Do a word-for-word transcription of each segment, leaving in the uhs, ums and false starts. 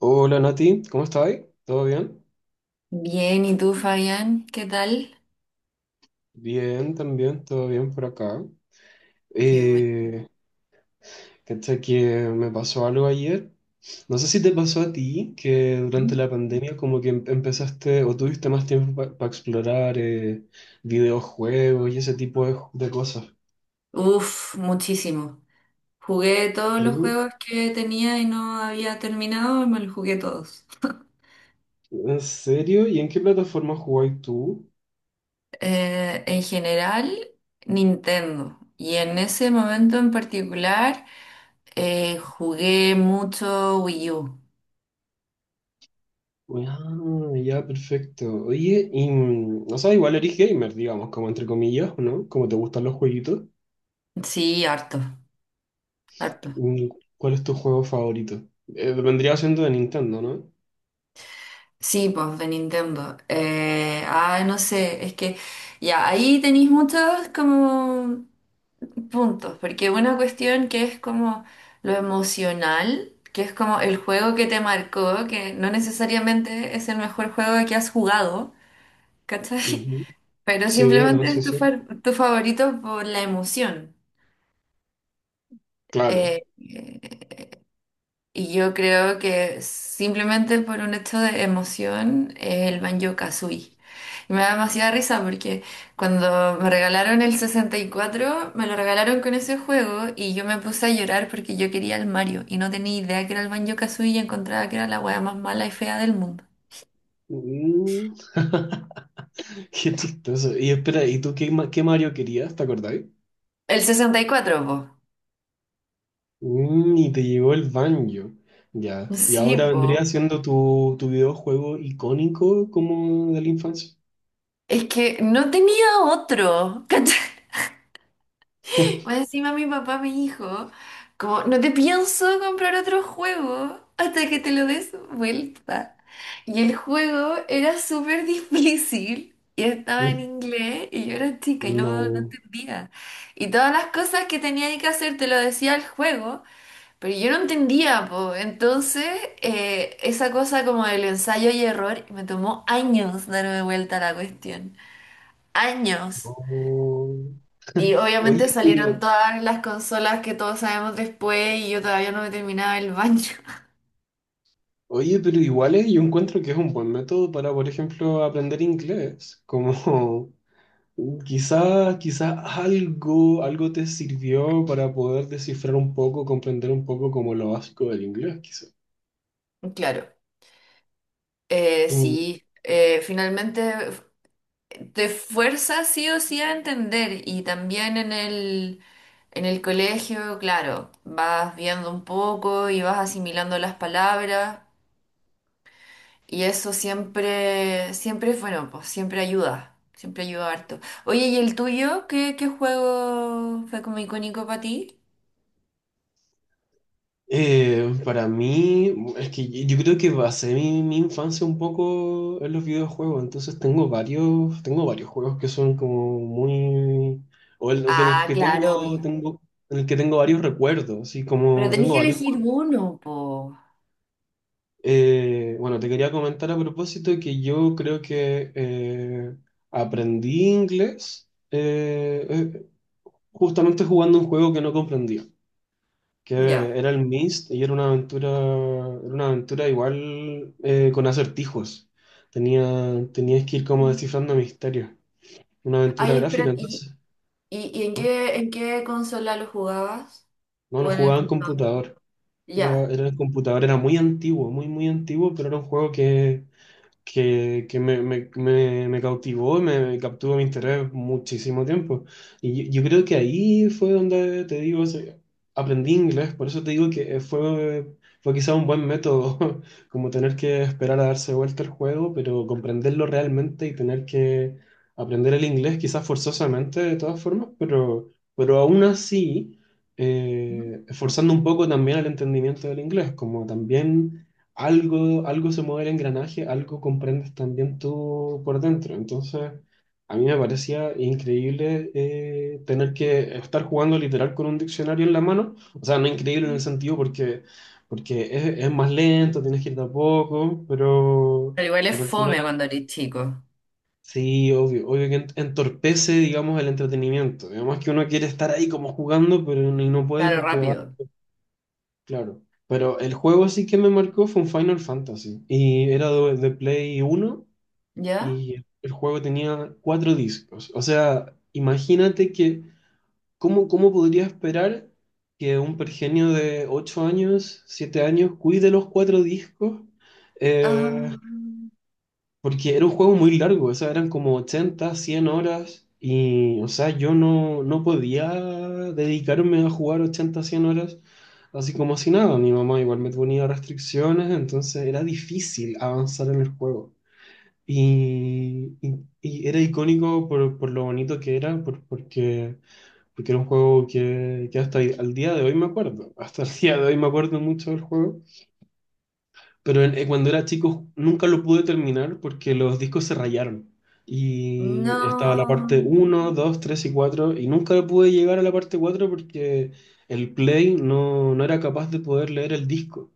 Hola Nati, ¿cómo estáis? ¿Todo bien? Bien, ¿y tú, Fabián? ¿Qué tal? Bien, también, todo bien por acá. Qué bueno. Eh, Cacha que me pasó algo ayer. No sé si te pasó a ti que durante la pandemia como que em- empezaste o tuviste más tiempo para explorar eh, videojuegos y ese tipo de, de cosas. Uf, muchísimo. Jugué todos los ¿Sí? juegos que tenía y no había terminado, me los jugué todos. ¿En serio? ¿Y en qué plataforma jugáis tú? Eh, en general, Nintendo. Y en ese momento en particular, eh, jugué mucho Wii U. Ah, ya, perfecto. Oye, y, mm, o sea, igual eres gamer, digamos, como entre comillas, ¿no? Como te gustan los jueguitos. Sí, harto, harto. Mm. ¿Cuál es tu juego favorito? Eh, vendría siendo de Nintendo, ¿no? Sí, pues de Nintendo. Eh, ah, no sé, es que ya ahí tenéis muchos como puntos, porque una cuestión que es como lo emocional, que es como el juego que te marcó, que no necesariamente es el mejor juego que has jugado, ¿cachai? Ujú. Pero Sí, no, simplemente es sí, tu, sí. fa- tu favorito por la emoción. Claro. Eh, eh, y yo creo que simplemente por un hecho de emoción, el Banjo-Kazooie. Y me da demasiada risa porque cuando me regalaron el sesenta y cuatro me lo regalaron con ese juego y yo me puse a llorar porque yo quería el Mario y no tenía idea que era el Banjo-Kazooie y encontraba que era la wea más mala y fea del mundo. Mm. Qué chistoso. Y espera, ¿y tú qué, ma- qué Mario querías? ¿Te acordáis? El sesenta y cuatro po. Mm, y te llegó el Banjo. Ya. Y ahora Sí, po. vendría siendo tu, tu videojuego icónico como de la infancia. Es que no tenía otro. ¿Cachai? O encima mi papá me dijo, como, no te pienso comprar otro juego hasta que te lo des vuelta. Y el juego era súper difícil y estaba en Mm. inglés y yo era chica y no, no No, entendía. Y todas las cosas que tenía que hacer te lo decía el juego, pero yo no entendía, po. Entonces, eh, esa cosa como del ensayo y error me tomó años darme vuelta a la cuestión. Años. no. Y Oye, obviamente salieron pero, todas las consolas que todos sabemos después y yo todavía no me terminaba el baño. oye, pero igual es- yo encuentro que es un buen método para, por ejemplo, aprender inglés. Como quizás, quizás algo, algo te sirvió para poder descifrar un poco, comprender un poco como lo básico del inglés, quizás. Claro, eh, Mm, sí, eh, finalmente te fuerza sí o sí a entender y también en el, en el colegio, claro, vas viendo un poco y vas asimilando las palabras y eso siempre, siempre es bueno, pues siempre ayuda, siempre ayuda harto. Oye, ¿y el tuyo? ¿Qué, qué juego fue como icónico para ti? eh, para mí, es que yo yo creo que basé mi, mi infancia un poco en los videojuegos, entonces tengo varios, tengo varios juegos que son como muy, o el- en el Ah, que claro, tengo, obvio. tengo, en el que tengo varios recuerdos, así Pero como tenés tengo que varios. elegir uno, po. Eh, bueno, te quería comentar a propósito que yo creo que eh, aprendí inglés, eh, eh, justamente jugando un juego que no comprendía, Ya. que era el Myst y era una aventura, era una aventura igual eh, con acertijos. Tenía, tenías que ir como Mm. descifrando misterios. Una aventura Ay, gráfica, espera, ¿y, entonces. y, y en No, qué, en qué consola lo jugabas? no lo ¿O en el jugaba en computador? computador. Era, Ya. era en computador, era muy antiguo, muy, muy antiguo, pero era un juego que que, que me, me, me, me cautivó, y me me capturó mi interés muchísimo tiempo. Y yo, yo creo que ahí fue donde, te digo, se- aprendí inglés, por eso te digo que eh, fue, fue quizá un buen método, como tener que esperar a darse vuelta el juego, pero comprenderlo realmente y tener que aprender el inglés, quizás forzosamente de todas formas, pero, pero aún así, eh, esforzando un poco también el entendimiento del inglés, como también algo, algo se mueve el engranaje, algo comprendes también tú por dentro. Entonces, a mí me parecía increíble eh, tener que estar jugando literal con un diccionario en la mano. O sea, no increíble en el sentido porque, porque es, es más lento, tienes que ir de a poco, pero, Pero igual es pero al final, fome cuando eres chico. sí, obvio, obvio que ent- entorpece, digamos, el entretenimiento. Digamos que uno quiere estar ahí como jugando, pero no y no puede Claro, porque va. rápido. Claro, pero el juego sí que me marcó fue un Final Fantasy y era de, de Play Uno ¿Ya? y el juego tenía cuatro discos. O sea, imagínate que, ¿cómo, cómo podría esperar que un pergenio de ocho años, siete años, cuide los cuatro discos? Eh, Ah, Porque era un juego muy largo, o sea, eran como ochenta cien horas y, o sea, yo no, no podía dedicarme a jugar ochenta cien horas así como si nada. Mi mamá igual me ponía restricciones, entonces era difícil avanzar en el juego. Y, y- y era icónico por, por lo bonito que era, por- porque, porque era un juego que, que hasta el- al día de hoy me acuerdo. Hasta el día de hoy me acuerdo mucho del juego. Pero en- eh, cuando era chico nunca lo pude terminar porque los discos se rayaron. Y estaba la no. parte uno dos tres y cuatro y nunca pude llegar a la parte cuatro porque el Play no, no era capaz de poder leer el disco.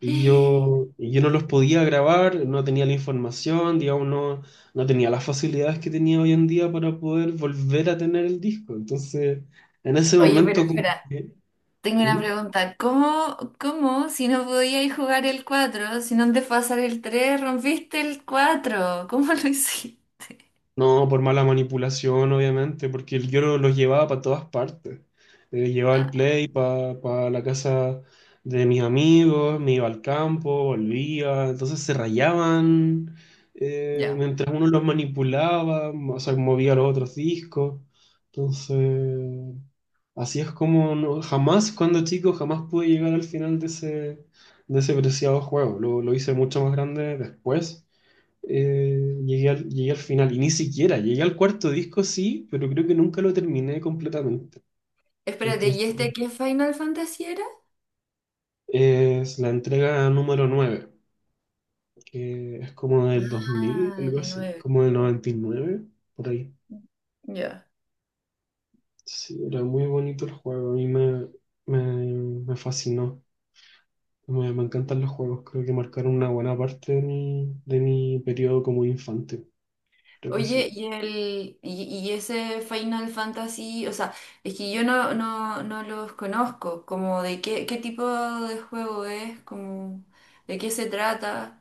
Y yo, y yo no los podía grabar, no tenía la información, digamos, no, no tenía las facilidades que tenía hoy en día para poder volver a tener el disco. Entonces, en ese Oye, pero momento como espera, que... tengo una ¿Mm? pregunta. ¿Cómo, cómo, si no podíais jugar el cuatro si no antes pasar el tres rompiste el cuatro? ¿Cómo lo hiciste? No, por mala manipulación, obviamente, porque el Yoro los llevaba para todas partes. Eh, llevaba el play para la casa de mis amigos, me iba al campo, volvía, entonces se rayaban eh, Ya. mientras uno los manipulaba, o sea, movía los otros discos. Entonces, así es como no- jamás, cuando chico, jamás pude llegar al final de ese, de ese preciado juego. Lo, lo hice mucho más grande después, eh, llegué al, llegué al final y ni siquiera, llegué al cuarto disco sí, pero creo que nunca lo terminé completamente. Espérate, Entonces, ¿y este qué Final Fantasy era? es la entrega número nueve, que es como del dos mil, Ah, algo el así, nueve. como del noventa y nueve por ahí. Ya. Sí, era muy bonito el juego, a mí me, me, me fascinó. Me, me encantan los juegos, creo que marcaron una buena parte de mi, de mi periodo como infante, creo que Oye, sí. y el y, y ese Final Fantasy, o sea, es que yo no, no, no los conozco, como de qué, qué tipo de juego es, como de qué se trata.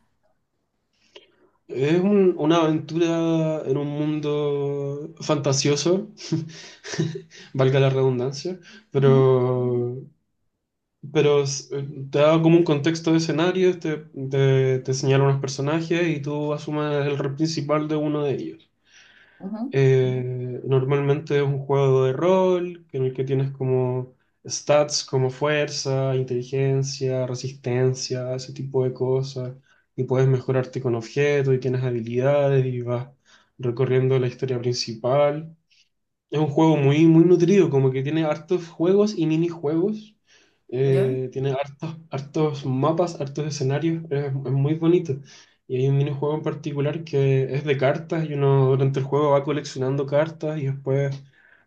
Es un- una aventura en un mundo fantasioso, valga la redundancia, Ujú, pero, pero s- te da como un contexto de escenario, te, te, te señala unos personajes y tú asumes el rol principal de uno de ellos. ujú. Eh, normalmente es un juego de rol en el que tienes como stats como fuerza, inteligencia, resistencia, ese tipo de cosas, y puedes mejorarte con objetos y tienes habilidades y vas recorriendo la historia principal. Es un juego muy, muy nutrido, como que tiene hartos juegos y minijuegos. ¿Ya? Eh, tiene hartos, hartos mapas, hartos escenarios. Es, es muy bonito. Y hay un minijuego en particular que es de cartas y uno durante el juego va coleccionando cartas y después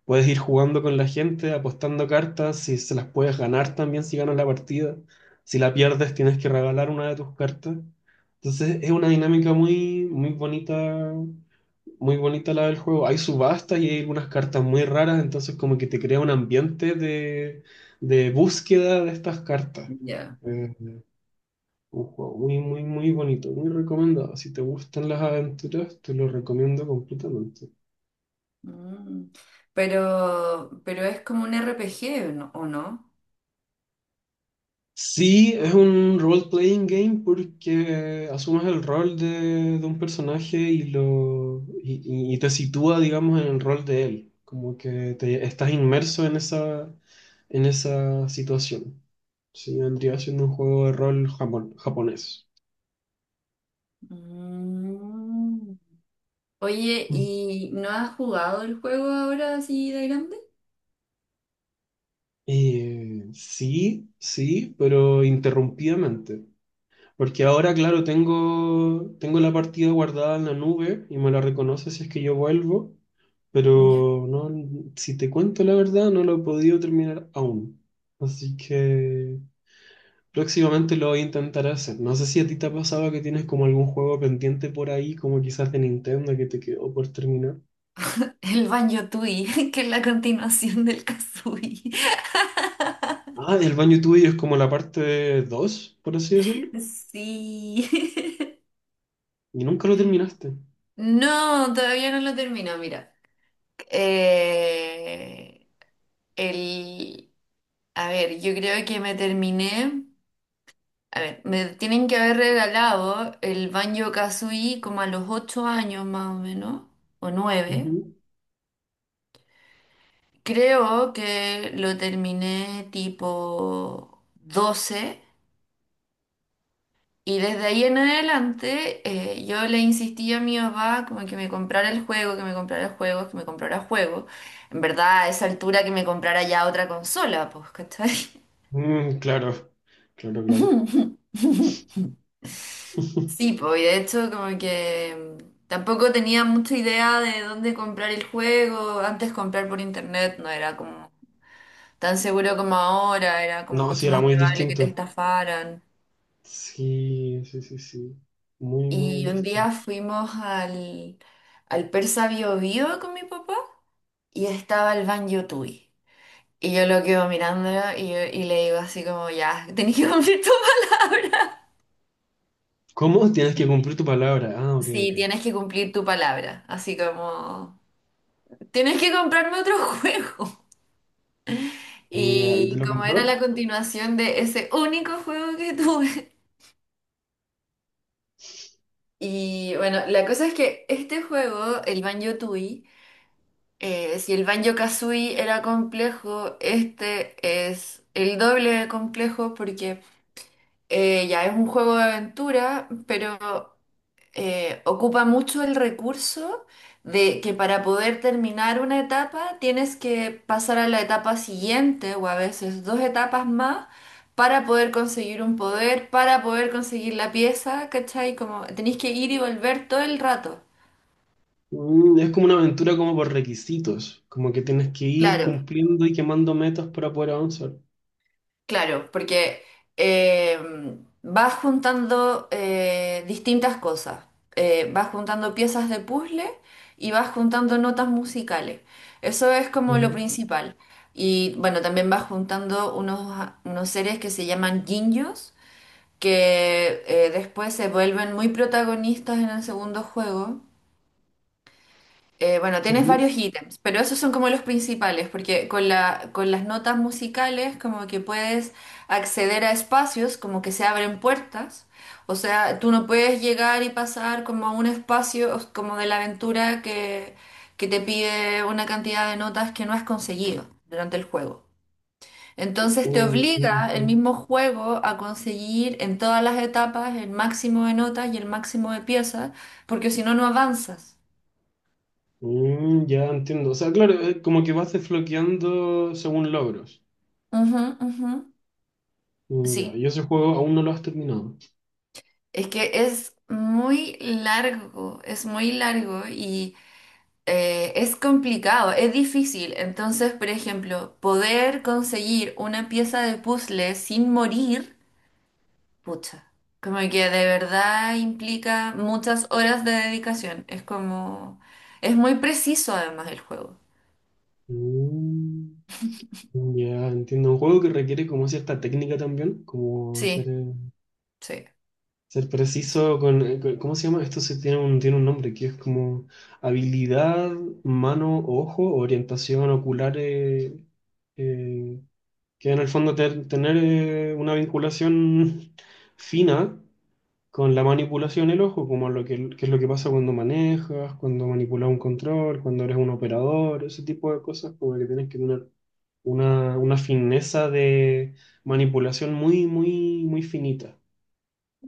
puedes ir jugando con la gente, apostando cartas, si se las puedes ganar también si ganas la partida. Si la pierdes tienes que regalar una de tus cartas. Entonces es una dinámica muy, muy bonita, muy bonita la del juego. Hay subastas y hay algunas cartas muy raras, entonces como que te crea un ambiente de, de búsqueda de estas cartas. Ya. Eh, un juego muy, muy, muy bonito, muy recomendado. Si te gustan las aventuras, te lo recomiendo completamente. Mm. Pero, pero es como un R P G, ¿no? ¿O no? Sí, es un role-playing game porque asumes el rol de, de un personaje y, lo, y, y- y te sitúa, digamos, en el rol de él. Como que te, estás inmerso en esa, en esa situación. Sí, vendría siendo un juego de rol japon- japonés. Mm. Oye, ¿y no has jugado el juego ahora así de grande? Eh, sí, sí, pero interrumpidamente. Porque ahora, claro, tengo, tengo la partida guardada en la nube y me la reconoce si es que yo vuelvo, pero no, si te cuento la verdad, no lo he podido terminar aún. Así que próximamente lo voy a intentar hacer. No sé si a ti te ha pasado que tienes como algún juego pendiente por ahí, como quizás de Nintendo que te quedó por terminar. El Banjo Tui, que es la continuación del Kazooie. Ah, el baño tuyo es como la parte dos, por así decirlo, Sí. y nunca lo terminaste. No, todavía no lo termino, mira. Eh, el, a ver, yo creo que me terminé. A ver, me tienen que haber regalado el Banjo Kazooie como a los ocho años más o menos, o nueve. Ujú. Creo que lo terminé tipo doce. Y desde ahí en adelante eh, yo le insistí a mi papá como que me comprara el juego, que me comprara el juego, que me comprara el juego. En verdad, a esa altura que me comprara ya otra consola, pues, ¿cachai? Mm, claro, claro, claro. Sí, pues, y de hecho como que mm, tampoco tenía mucha idea de dónde comprar el juego. Antes comprar por internet no era como tan seguro como ahora, era como No, sí, mucho era más muy probable que te distinto. estafaran. Sí, sí, sí, sí. Muy, muy Y un distinto. día fuimos al, al Persa Bio Bio con mi papá. Y estaba el Ban Yutui. Y yo lo quedo mirándolo y, yo- y le digo así como, ya, tenés que cumplir tu palabra. ¿Cómo? Tienes que cumplir tu palabra. Ah, ok, Sí, ok. tienes que cumplir tu palabra. Así como, tienes que comprarme otro juego. Mm, ya, ¿y te Y lo como era compró? la continuación de ese único juego que tuve. Y bueno, la cosa es que este juego, el Banjo-Tooie, eh, si el Banjo-Kazooie era complejo, este es el doble de complejo porque Eh, ya es un juego de aventura, pero eh, ocupa mucho el recurso de que para poder terminar una etapa tienes que pasar a la etapa siguiente o a veces dos etapas más para poder conseguir un poder, para poder conseguir la pieza, ¿cachai? Como tenéis que ir y volver todo el rato. Mm, es como una aventura como por requisitos. Como que tienes que ir Claro, cumpliendo y quemando metas para poder avanzar. claro, porque em, vas juntando eh, distintas cosas. Eh, vas juntando piezas de puzzle y vas juntando notas musicales. Eso es como lo Ujú, principal. Y bueno, también vas juntando unos, unos seres que se llaman Jinjos, que eh, después se vuelven muy protagonistas en el segundo juego. Eh, bueno, tienes ujú. varios ítems, pero esos son como los principales, porque con la, con las notas musicales como que puedes acceder a espacios, como que se abren puertas, o sea, tú no puedes llegar y pasar como a un espacio como de la aventura que, que te pide una cantidad de notas que no has conseguido durante el juego. Entonces te Mm, obliga mm, el mm. mismo juego a conseguir en todas las etapas el máximo de notas y el máximo de piezas, porque si no, no avanzas. Mm, ya entiendo. O sea, claro, eh, como que vas desbloqueando según logros. Ujú, ujú. Mm, ya, Sí, y ese juego aún no lo has terminado. es que es muy largo, es muy largo y eh, es complicado, es difícil. Entonces, por ejemplo, poder conseguir una pieza de puzzle sin morir, pucha, como que de verdad implica muchas horas de dedicación. Es como, es muy preciso además el juego. Mm, ya entiendo. Un juego que requiere como cierta técnica también, como hacer... Sí, eh, sí. Ser preciso con, con- ¿cómo se llama? Esto se tiene un, tiene un nombre que es como habilidad, mano, ojo, orientación ocular, eh, eh, que en el fondo ter- tener eh, una vinculación fina con la manipulación del ojo, como lo que, que es lo que pasa cuando manejas, cuando manipulas un control, cuando eres un operador, ese tipo de cosas, como que tienes que tener una, una fineza de manipulación muy, muy, muy finita.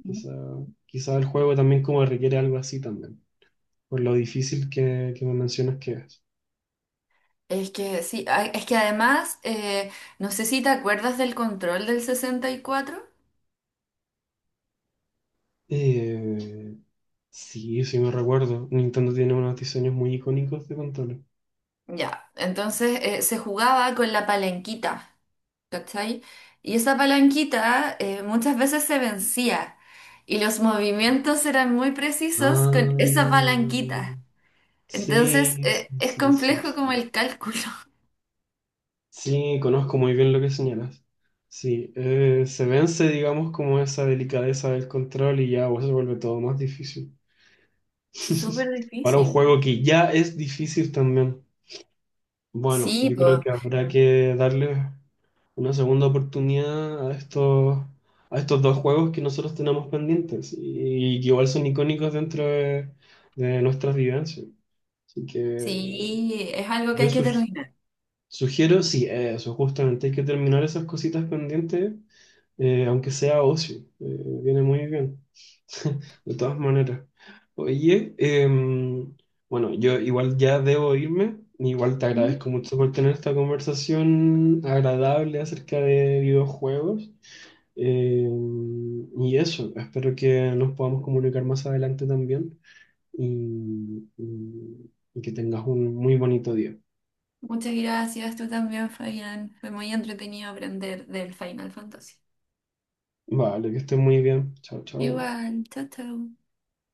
Quizá, quizá el juego también como requiere algo así también, por lo difícil que, que me mencionas que es. Es que sí, ay, es que además, eh, no sé si te acuerdas del control del sesenta y cuatro. Eh, sí, sí me recuerdo. Nintendo tiene unos diseños muy icónicos de controles. Ya, entonces eh, se jugaba con la palanquita, ¿cachai? Y esa palanquita eh, muchas veces se vencía y los movimientos eran muy precisos con esa Ah, palanquita. Entonces sí, eh, sí, es sí, sí, complejo como sí. el cálculo. Sí, conozco muy bien lo que señalas. Sí, eh, se vence, digamos, como esa delicadeza del control y ya pues, se vuelve todo más difícil. Súper Para un difícil. juego que ya es difícil también. Bueno, Sí, yo creo pues, que habrá que darle una segunda oportunidad a estos, a estos dos juegos que nosotros tenemos pendientes y que igual son icónicos dentro de, de nuestras vivencias. Así que sí, es algo que yo hay que sugi- terminar. sugiero, sí, eso, justamente hay que terminar esas cositas pendientes, eh, aunque sea ocio, eh, viene muy bien, de todas maneras. Oye, em, bueno, yo igual ya debo irme, igual te Ujú. agradezco mucho por tener esta conversación agradable acerca de videojuegos. Em, y eso, espero que nos podamos comunicar más adelante también y, y y que tengas un muy bonito día. Muchas gracias, tú también, Fabián. Fue muy entretenido aprender del Final Fantasy. Vale, que estés muy bien. Chao, chao. Igual, chao, chao.